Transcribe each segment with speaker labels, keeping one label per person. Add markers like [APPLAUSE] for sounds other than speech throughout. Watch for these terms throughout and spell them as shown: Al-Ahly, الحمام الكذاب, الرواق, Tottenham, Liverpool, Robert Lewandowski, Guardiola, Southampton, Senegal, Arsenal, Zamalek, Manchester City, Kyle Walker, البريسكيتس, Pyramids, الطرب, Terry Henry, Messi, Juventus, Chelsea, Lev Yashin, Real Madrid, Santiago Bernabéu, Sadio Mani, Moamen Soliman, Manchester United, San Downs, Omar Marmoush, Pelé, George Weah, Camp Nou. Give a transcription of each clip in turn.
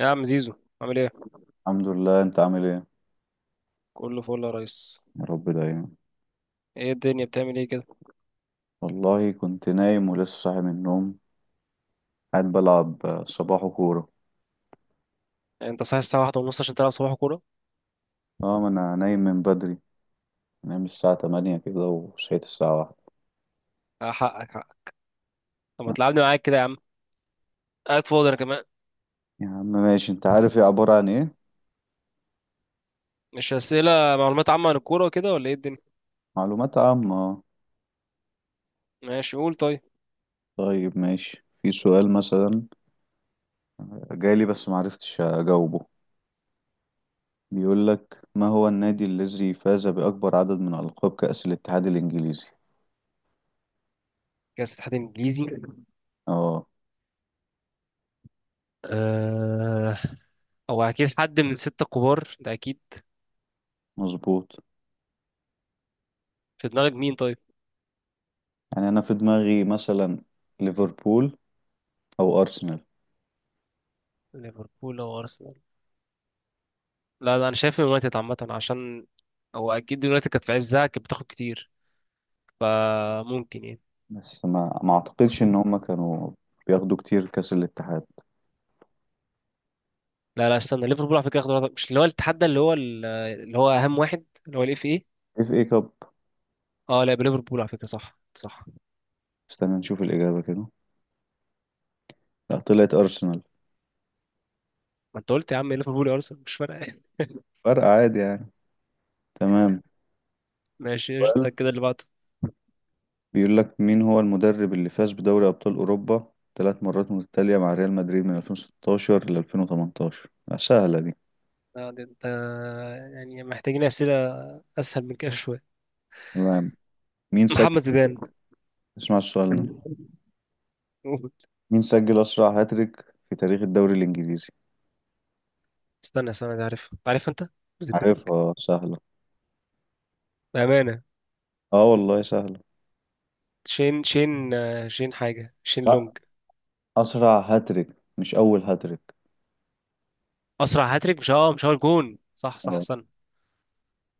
Speaker 1: يا عم زيزو، عامل ايه؟
Speaker 2: الحمد لله، انت عامل ايه؟
Speaker 1: كله فل يا ريس.
Speaker 2: يا رب دايما.
Speaker 1: ايه الدنيا بتعمل ايه كده؟
Speaker 2: والله كنت نايم ولسه صاحي من النوم. قاعد بلعب صباحو كورة.
Speaker 1: يعني انت صاحي الساعه واحدة ونص عشان تلعب صباح كوره؟
Speaker 2: اه، ما انا نايم من بدري. نايم الساعة تمانية كده وصحيت الساعة واحدة.
Speaker 1: حقك حقك. طب ما تلعبني معاك كده يا عم، قاعد فاضي انا كمان.
Speaker 2: يا عم ماشي، انت عارف ايه عبارة عن ايه؟
Speaker 1: مش اسئله معلومات عامه عن الكوره وكده ولا ايه الدنيا؟
Speaker 2: معلومات عامة اه.
Speaker 1: ماشي قول طيب.
Speaker 2: طيب ماشي، في سؤال مثلا جالي بس معرفتش اجاوبه. بيقولك ما هو النادي الذي فاز بأكبر عدد من ألقاب كأس الاتحاد الإنجليزي.
Speaker 1: كاس اتحاد انجليزي؟
Speaker 2: اه
Speaker 1: آه... او اكيد حد من الستة الكبار ده اكيد.
Speaker 2: مظبوط.
Speaker 1: في دماغك مين طيب؟
Speaker 2: يعني انا في دماغي مثلا ليفربول او ارسنال.
Speaker 1: ليفربول او ارسنال؟ لا لا، انا شايف اليونايتد عامه، عشان هو اكيد اليونايتد كانت في عزها كانت بتاخد كتير، فممكن يعني.
Speaker 2: بس ما اعتقدش ان هم كانوا بياخدوا كتير كاس الاتحاد.
Speaker 1: لا لا استنى، ليفربول على فكره اخضر، مش اللي هو التحدى اللي هو اللي هو اهم واحد اللي هو الاف اي.
Speaker 2: اف اي كاب.
Speaker 1: اه لا، يبقى ليفربول على فكره، صح صح.
Speaker 2: استنى نشوف الاجابه كده. لا، طلعت ارسنال.
Speaker 1: ما انت قلت يا عم ليفربول يا ارسنال، مش فارقه.
Speaker 2: فرق عادي يعني. تمام.
Speaker 1: [LAUGHS] ماشي
Speaker 2: سؤال
Speaker 1: قشطة، كده اللي بعده.
Speaker 2: بيقول لك: مين هو المدرب اللي فاز بدوري ابطال اوروبا ثلاث مرات متتاليه مع ريال مدريد من 2016 ل 2018؟ لا، سهله دي.
Speaker 1: ده انت يعني محتاجين اسئله اسهل من كده شويه.
Speaker 2: تمام. مين سجل؟
Speaker 1: محمد زيدان.
Speaker 2: اسمع السؤال ده.
Speaker 1: قول.
Speaker 2: مين سجل اسرع هاتريك في تاريخ الدوري الانجليزي؟
Speaker 1: استنى ده عارف، عارف انت، بذمتك،
Speaker 2: عارفها سهله.
Speaker 1: بامانه.
Speaker 2: اه والله سهله.
Speaker 1: شين شين آه، شين حاجه شين
Speaker 2: لا،
Speaker 1: لونج
Speaker 2: اسرع هاتريك مش اول هاتريك.
Speaker 1: اسرع هاتريك، مش اه مش هو الجون، صح صح
Speaker 2: آه.
Speaker 1: استنى.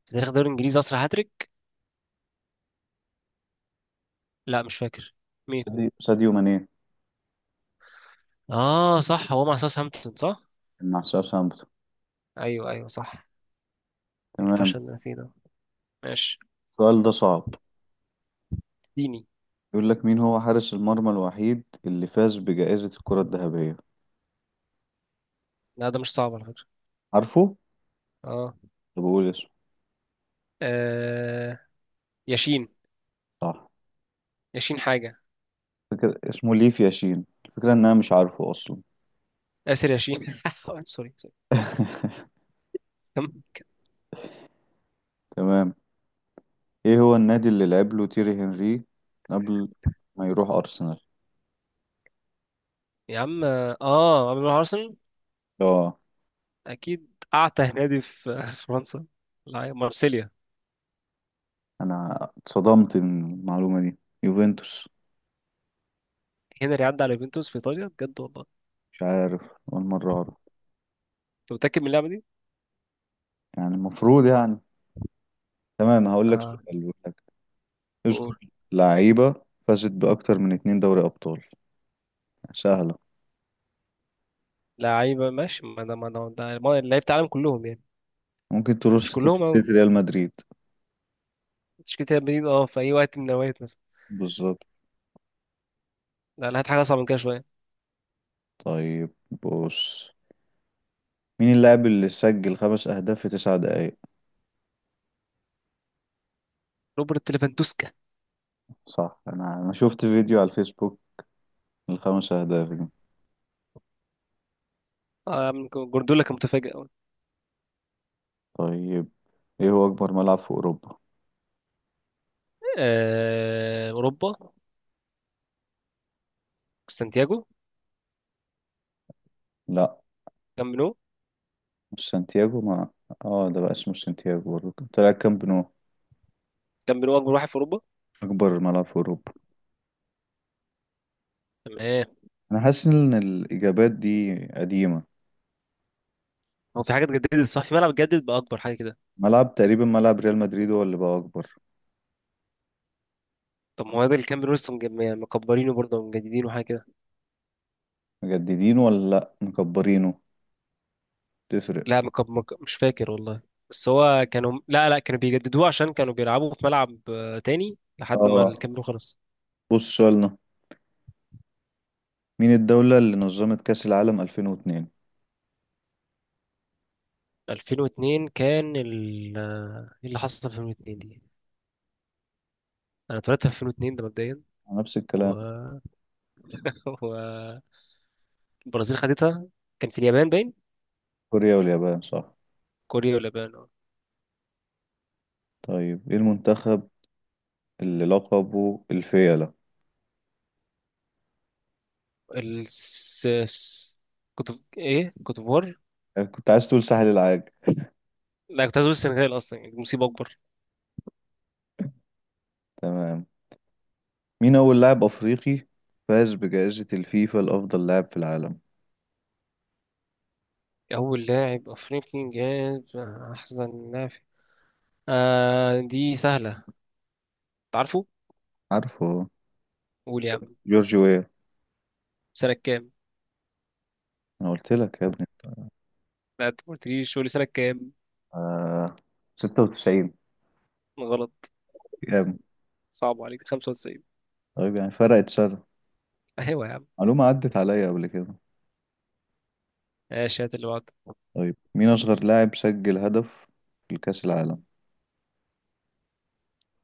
Speaker 1: في تاريخ الدوري الانجليزي اسرع هاتريك، لا مش فاكر.
Speaker 2: ساديو، ساديو ماني.
Speaker 1: اه صح، هو مع ساوثهامبتون صح؟
Speaker 2: مع ساوثهامبتون.
Speaker 1: ايوه ايوه صح.
Speaker 2: تمام.
Speaker 1: الفشل اللي أنا فيه ده. ماشي
Speaker 2: السؤال ده صعب.
Speaker 1: ديني.
Speaker 2: يقول لك: مين هو حارس المرمى الوحيد اللي فاز بجائزة الكرة الذهبية؟
Speaker 1: لا ده مش صعب على فكره.
Speaker 2: عارفه؟
Speaker 1: اه.
Speaker 2: طب بقول اسمه.
Speaker 1: آه، ياشين.
Speaker 2: صح.
Speaker 1: ياشين حاجه.
Speaker 2: فكرة اسمه ليف ياشين، الفكرة ان انا مش عارفه اصلا.
Speaker 1: اسر ياشين. [LAUGHS] سوري سوري.
Speaker 2: [LAUGHS]
Speaker 1: كم؟
Speaker 2: تمام. ايه هو النادي اللي لعب له تيري هنري قبل ما يروح ارسنال؟
Speaker 1: يا عم اه، عمرو ارسنال
Speaker 2: اه،
Speaker 1: اكيد، اعتى نادي في [LAUGHS] في فرنسا. لا، مارسيليا.
Speaker 2: انا اتصدمت من المعلومة دي، يوفنتوس.
Speaker 1: هنري عدى على يوفنتوس في ايطاليا بجد والله؟
Speaker 2: مش عارف، اول مرة اعرف.
Speaker 1: انت متاكد من اللعبه دي؟
Speaker 2: يعني المفروض يعني. تمام، هقول لك
Speaker 1: اه.
Speaker 2: سؤال.
Speaker 1: قول.
Speaker 2: اذكر لعيبة فازت بأكتر من اتنين دوري أبطال. يعني سهلة.
Speaker 1: لعيبه؟ ماشي، ما لعيبه العالم كلهم يعني،
Speaker 2: ممكن
Speaker 1: مش
Speaker 2: ترص
Speaker 1: كلهم قوي.
Speaker 2: تشكيلة ريال مدريد.
Speaker 1: تشكيله ريال مدريد اه، في اي وقت من الاوقات مثلا؟
Speaker 2: بالظبط.
Speaker 1: لا انا هات حاجه اصعب من كده شويه.
Speaker 2: طيب، بص، مين اللاعب اللي سجل خمس أهداف في تسع دقايق؟
Speaker 1: روبرت ليفاندوسكا.
Speaker 2: صح، أنا شفت فيديو على الفيسبوك الخمس أهداف دي.
Speaker 1: من جوارديولا كان متفاجئ أوي.
Speaker 2: طيب، إيه هو أكبر ملعب في أوروبا؟
Speaker 1: اوروبا. سانتياغو.
Speaker 2: لا
Speaker 1: كامب نو.
Speaker 2: مش سانتياغو ما. آه ده بقى اسمه سانتياغو برضه، طلع كامب نو.
Speaker 1: كامب نو اكبر واحد في اوروبا.
Speaker 2: أكبر ملعب في أوروبا.
Speaker 1: تمام.
Speaker 2: أنا حاسس إن الإجابات دي قديمة.
Speaker 1: هو في حاجه اتجددت صح، في ملعب اتجدد بقى اكبر حاجه كده.
Speaker 2: ملعب تقريبا، ملعب ريال مدريد هو اللي بقى أكبر.
Speaker 1: طب ما هو ده الكامب نو لسه مكبرينه برضه، مجددينه حاجه كده.
Speaker 2: مجددينه ولا لأ مكبرينه؟ تفرق.
Speaker 1: لا مش فاكر والله. بس هو كانوا لا لا كانوا بيجددوه عشان كانوا بيلعبوا في ملعب تاني لحد ما
Speaker 2: اه،
Speaker 1: الكامب نو خلص.
Speaker 2: بص سؤالنا. مين الدولة اللي نظمت كأس العالم 2002؟
Speaker 1: 2002 كان ال ايه اللي حصل في 2002 دي؟ انا اتولدت في 2002 ده مبدئيا،
Speaker 2: نفس
Speaker 1: و
Speaker 2: الكلام.
Speaker 1: والبرازيل خدتها. كان في اليابان باين.
Speaker 2: كوريا واليابان صح.
Speaker 1: كوريا ولا اليابان؟ اه.
Speaker 2: طيب، ايه المنتخب اللي لقبه الفيلة؟
Speaker 1: الس... الس- كنت، ايه كنت بور.
Speaker 2: يعني كنت عايز تقول ساحل العاج.
Speaker 1: لا كنت عايز اقول السنغال اصلا، يعني دي مصيبه اكبر.
Speaker 2: تمام. مين أول لاعب أفريقي فاز بجائزة الفيفا لأفضل لاعب في العالم؟
Speaker 1: اول لاعب افريقي جاب احسن لاعب؟ آه دي سهله. تعرفه؟
Speaker 2: عارفه هو.
Speaker 1: قول يا عم.
Speaker 2: جورج ويا.
Speaker 1: سنه كام؟
Speaker 2: أنا قلت لك يا ابني.
Speaker 1: لا انت ما قلتليش، قول لي سنه كام.
Speaker 2: آه، 96.
Speaker 1: غلط.
Speaker 2: كام؟
Speaker 1: صعب عليك، 95.
Speaker 2: طيب يعني فرقت سنة.
Speaker 1: [LAUGHS] ايوه يا عم.
Speaker 2: معلومة عدت عليا قبل كده.
Speaker 1: ماشي هات اللي بعده.
Speaker 2: طيب مين أصغر لاعب سجل هدف في كأس العالم؟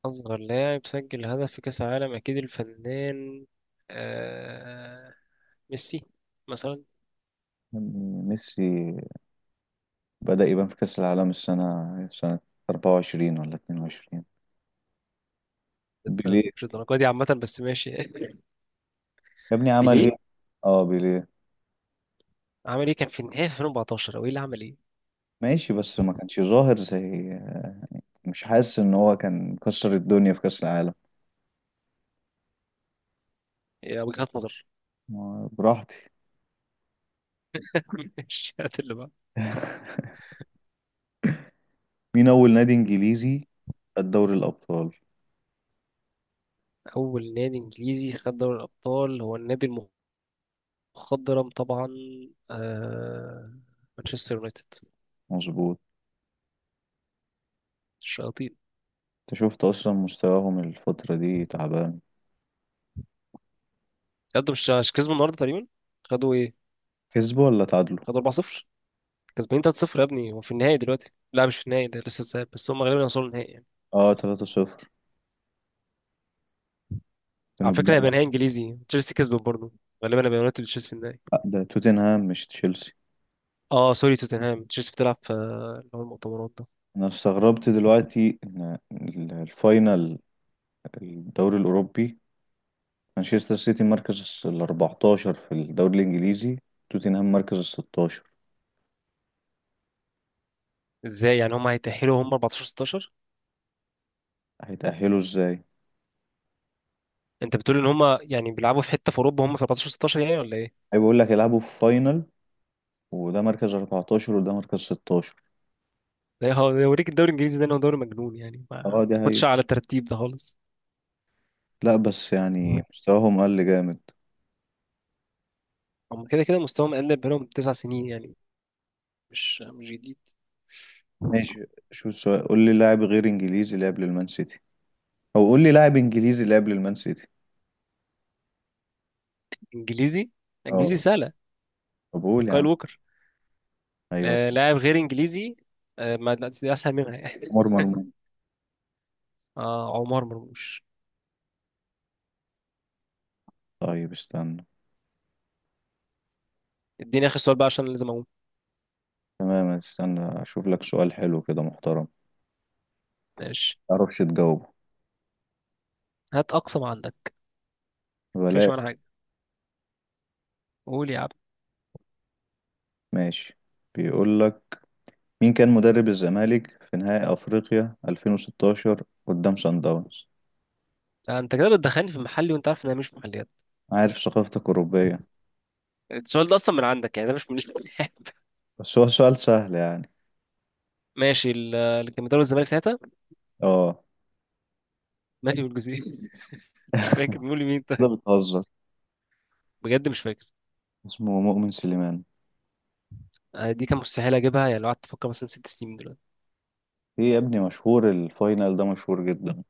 Speaker 1: اصغر لاعب سجل هدف في كاس العالم اكيد الفنان آه... ميسي مثلا.
Speaker 2: يعني ميسي بدأ يبان في كأس العالم سنة 24 ولا 22؟
Speaker 1: انت
Speaker 2: بيليه،
Speaker 1: مش الدرجه دي عامه، بس ماشي. [LAUGHS]
Speaker 2: يا ابني عمل ايه؟
Speaker 1: بيليه.
Speaker 2: اه بيليه.
Speaker 1: عمل ايه؟ كان في النهايه في 2014 او ايه اللي عمل ايه؟
Speaker 2: ماشي بس ما كانش ظاهر زي، مش حاسس ان هو كان كسر الدنيا في كأس العالم.
Speaker 1: يا وجهات نظر.
Speaker 2: براحتي.
Speaker 1: [LAUGHS] مش هات اللي بقى.
Speaker 2: [LAUGHS] مين أول نادي إنجليزي خد دوري الأبطال؟
Speaker 1: اول نادي انجليزي خد دوري الابطال هو النادي المخضرم طبعا آه... مانشستر يونايتد.
Speaker 2: مظبوط.
Speaker 1: الشياطين.
Speaker 2: انت شفت أصلا مستواهم الفترة دي تعبان.
Speaker 1: يقدم، مش كسبوا النهارده تقريبا. خدوا ايه؟
Speaker 2: كسبوا ولا تعادلوا؟
Speaker 1: خدوا 4-0. كسبانين 3-0 يا ابني، هو في النهائي دلوقتي. لا مش في النهائي ده، لسه الذهاب، بس هم غالبا هيوصلوا النهائي يعني.
Speaker 2: اه 3-0 كانوا
Speaker 1: على فكره
Speaker 2: بيلعبوا.
Speaker 1: هيبقى نهائي انجليزي، تشيلسي كسبت برضه، غالبا هيبقى يونايتد وتشيلسي في النهائي.
Speaker 2: لا، ده توتنهام مش تشيلسي.
Speaker 1: اه سوري، توتنهام. تشيلسي بتلعب في اللي هو المؤتمرات ده.
Speaker 2: انا استغربت دلوقتي ان الفاينل الدوري الاوروبي، مانشستر سيتي مركز ال 14 في الدوري الانجليزي، توتنهام مركز ال 16.
Speaker 1: ازاي يعني هم هيتأهلوا هم 14 16؟
Speaker 2: هيتأهلوا ازاي؟
Speaker 1: انت بتقول ان هم يعني بيلعبوا في حتة في اوروبا، هم في 14 16 يعني ولا ايه؟
Speaker 2: هي بقول لك يلعبوا في فاينل، وده مركز 14 وده مركز 16.
Speaker 1: ده ده يوريك الدوري الانجليزي ده، انه دوري مجنون يعني، ما
Speaker 2: اه دي هي.
Speaker 1: تاخدش على الترتيب ده خالص.
Speaker 2: لا بس يعني مستواهم قل جامد.
Speaker 1: هم كده كده مستواهم اقل بقالهم تسع سنين يعني، مش جديد.
Speaker 2: ماشي. شو السؤال؟ قول لي لاعب غير انجليزي لعب للمان سيتي، او قول لي لاعب انجليزي لعب للمان سيتي.
Speaker 1: انجليزي؟
Speaker 2: اه
Speaker 1: انجليزي سهلة.
Speaker 2: طب قول يا عم.
Speaker 1: كايل ووكر.
Speaker 2: ايوه،
Speaker 1: آه لاعب غير انجليزي؟ آه ما لا، دي اسهل منها يعني.
Speaker 2: عمر مرموش.
Speaker 1: [LAUGHS] آه عمر مرموش.
Speaker 2: طيب استنى.
Speaker 1: اديني اخر سؤال بقى عشان لازم اقوم.
Speaker 2: تمام، استنى اشوف لك سؤال حلو كده محترم،
Speaker 1: ماشي
Speaker 2: معرفش تجاوبه.
Speaker 1: هات اقصى ما عندك. مفيش
Speaker 2: بلاش.
Speaker 1: ولا حاجة؟ قول يا عم.
Speaker 2: ماشي، بيقول لك: مين كان مدرب الزمالك في نهائي افريقيا 2016 قدام سان داونز؟
Speaker 1: انت كده بتدخلني في محلي، وانت عارف ان انا مش في محليات.
Speaker 2: عارف ثقافتك اوروبية.
Speaker 1: السؤال ده اصلا من عندك، يعني ده مش من. [LAUGHS]
Speaker 2: بس هو سؤال سهل يعني.
Speaker 1: ماشي اللي كان بيدرب الزمالك ساعتها؟
Speaker 2: اه.
Speaker 1: ماهي والجزيري. [LAUGHS] مش فاكر، بيقول
Speaker 2: [LAUGHS]
Speaker 1: مين
Speaker 2: ده
Speaker 1: طيب؟
Speaker 2: بتهزر.
Speaker 1: بجد مش فاكر.
Speaker 2: اسمه مؤمن سليمان.
Speaker 1: دي كان مستحيل اجيبها يعني، لو قعدت افكر مثلا ست سنين من دلوقتي.
Speaker 2: ايه يا ابني، مشهور الفاينل ده مشهور جدا.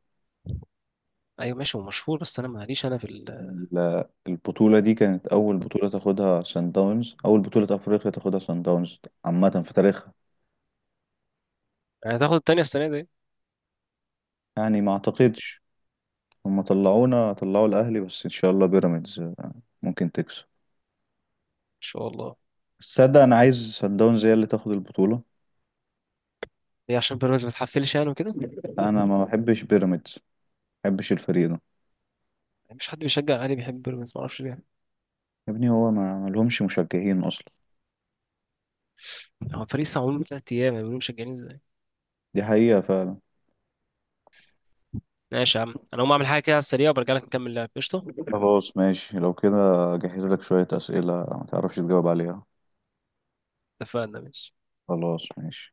Speaker 1: ايوه ماشي هو مشهور، بس انا ماليش، انا في ال...
Speaker 2: البطولة دي كانت أول بطولة تاخدها سان داونز، أول بطولة أفريقيا تاخدها سان داونز عامة في تاريخها.
Speaker 1: يعني هتاخد التانية السنه دي ان
Speaker 2: يعني ما أعتقدش. هما طلعونا، طلعوا الاهلي، بس ان شاء الله بيراميدز ممكن تكسب.
Speaker 1: شاء الله.
Speaker 2: بس تصدق انا عايز سان داونز هي اللي تاخد البطوله.
Speaker 1: ليه، عشان بيراميدز ما تحفلش يعني وكده؟
Speaker 2: انا ما بحبش بيراميدز، ما بحبش الفريق ده.
Speaker 1: يعني مش حد بيشجع الاهلي بيحب بيراميدز، ما اعرفش ليه.
Speaker 2: يا ابني هو ما لهمش مشجعين اصلا.
Speaker 1: هو الفريق لسه معمول من تلات ايام، يعني بيقولوا مشجعين ازاي؟
Speaker 2: دي حقيقه فعلا.
Speaker 1: ماشي يا عم، انا هقوم اعمل حاجه كده على السريع وبرجع لك نكمل لعب قشطه.
Speaker 2: خلاص ماشي لو كده، جهز لك شويه اسئله ما تعرفش تجاوب عليها.
Speaker 1: اتفقنا، ماشي.
Speaker 2: خلاص ماشي.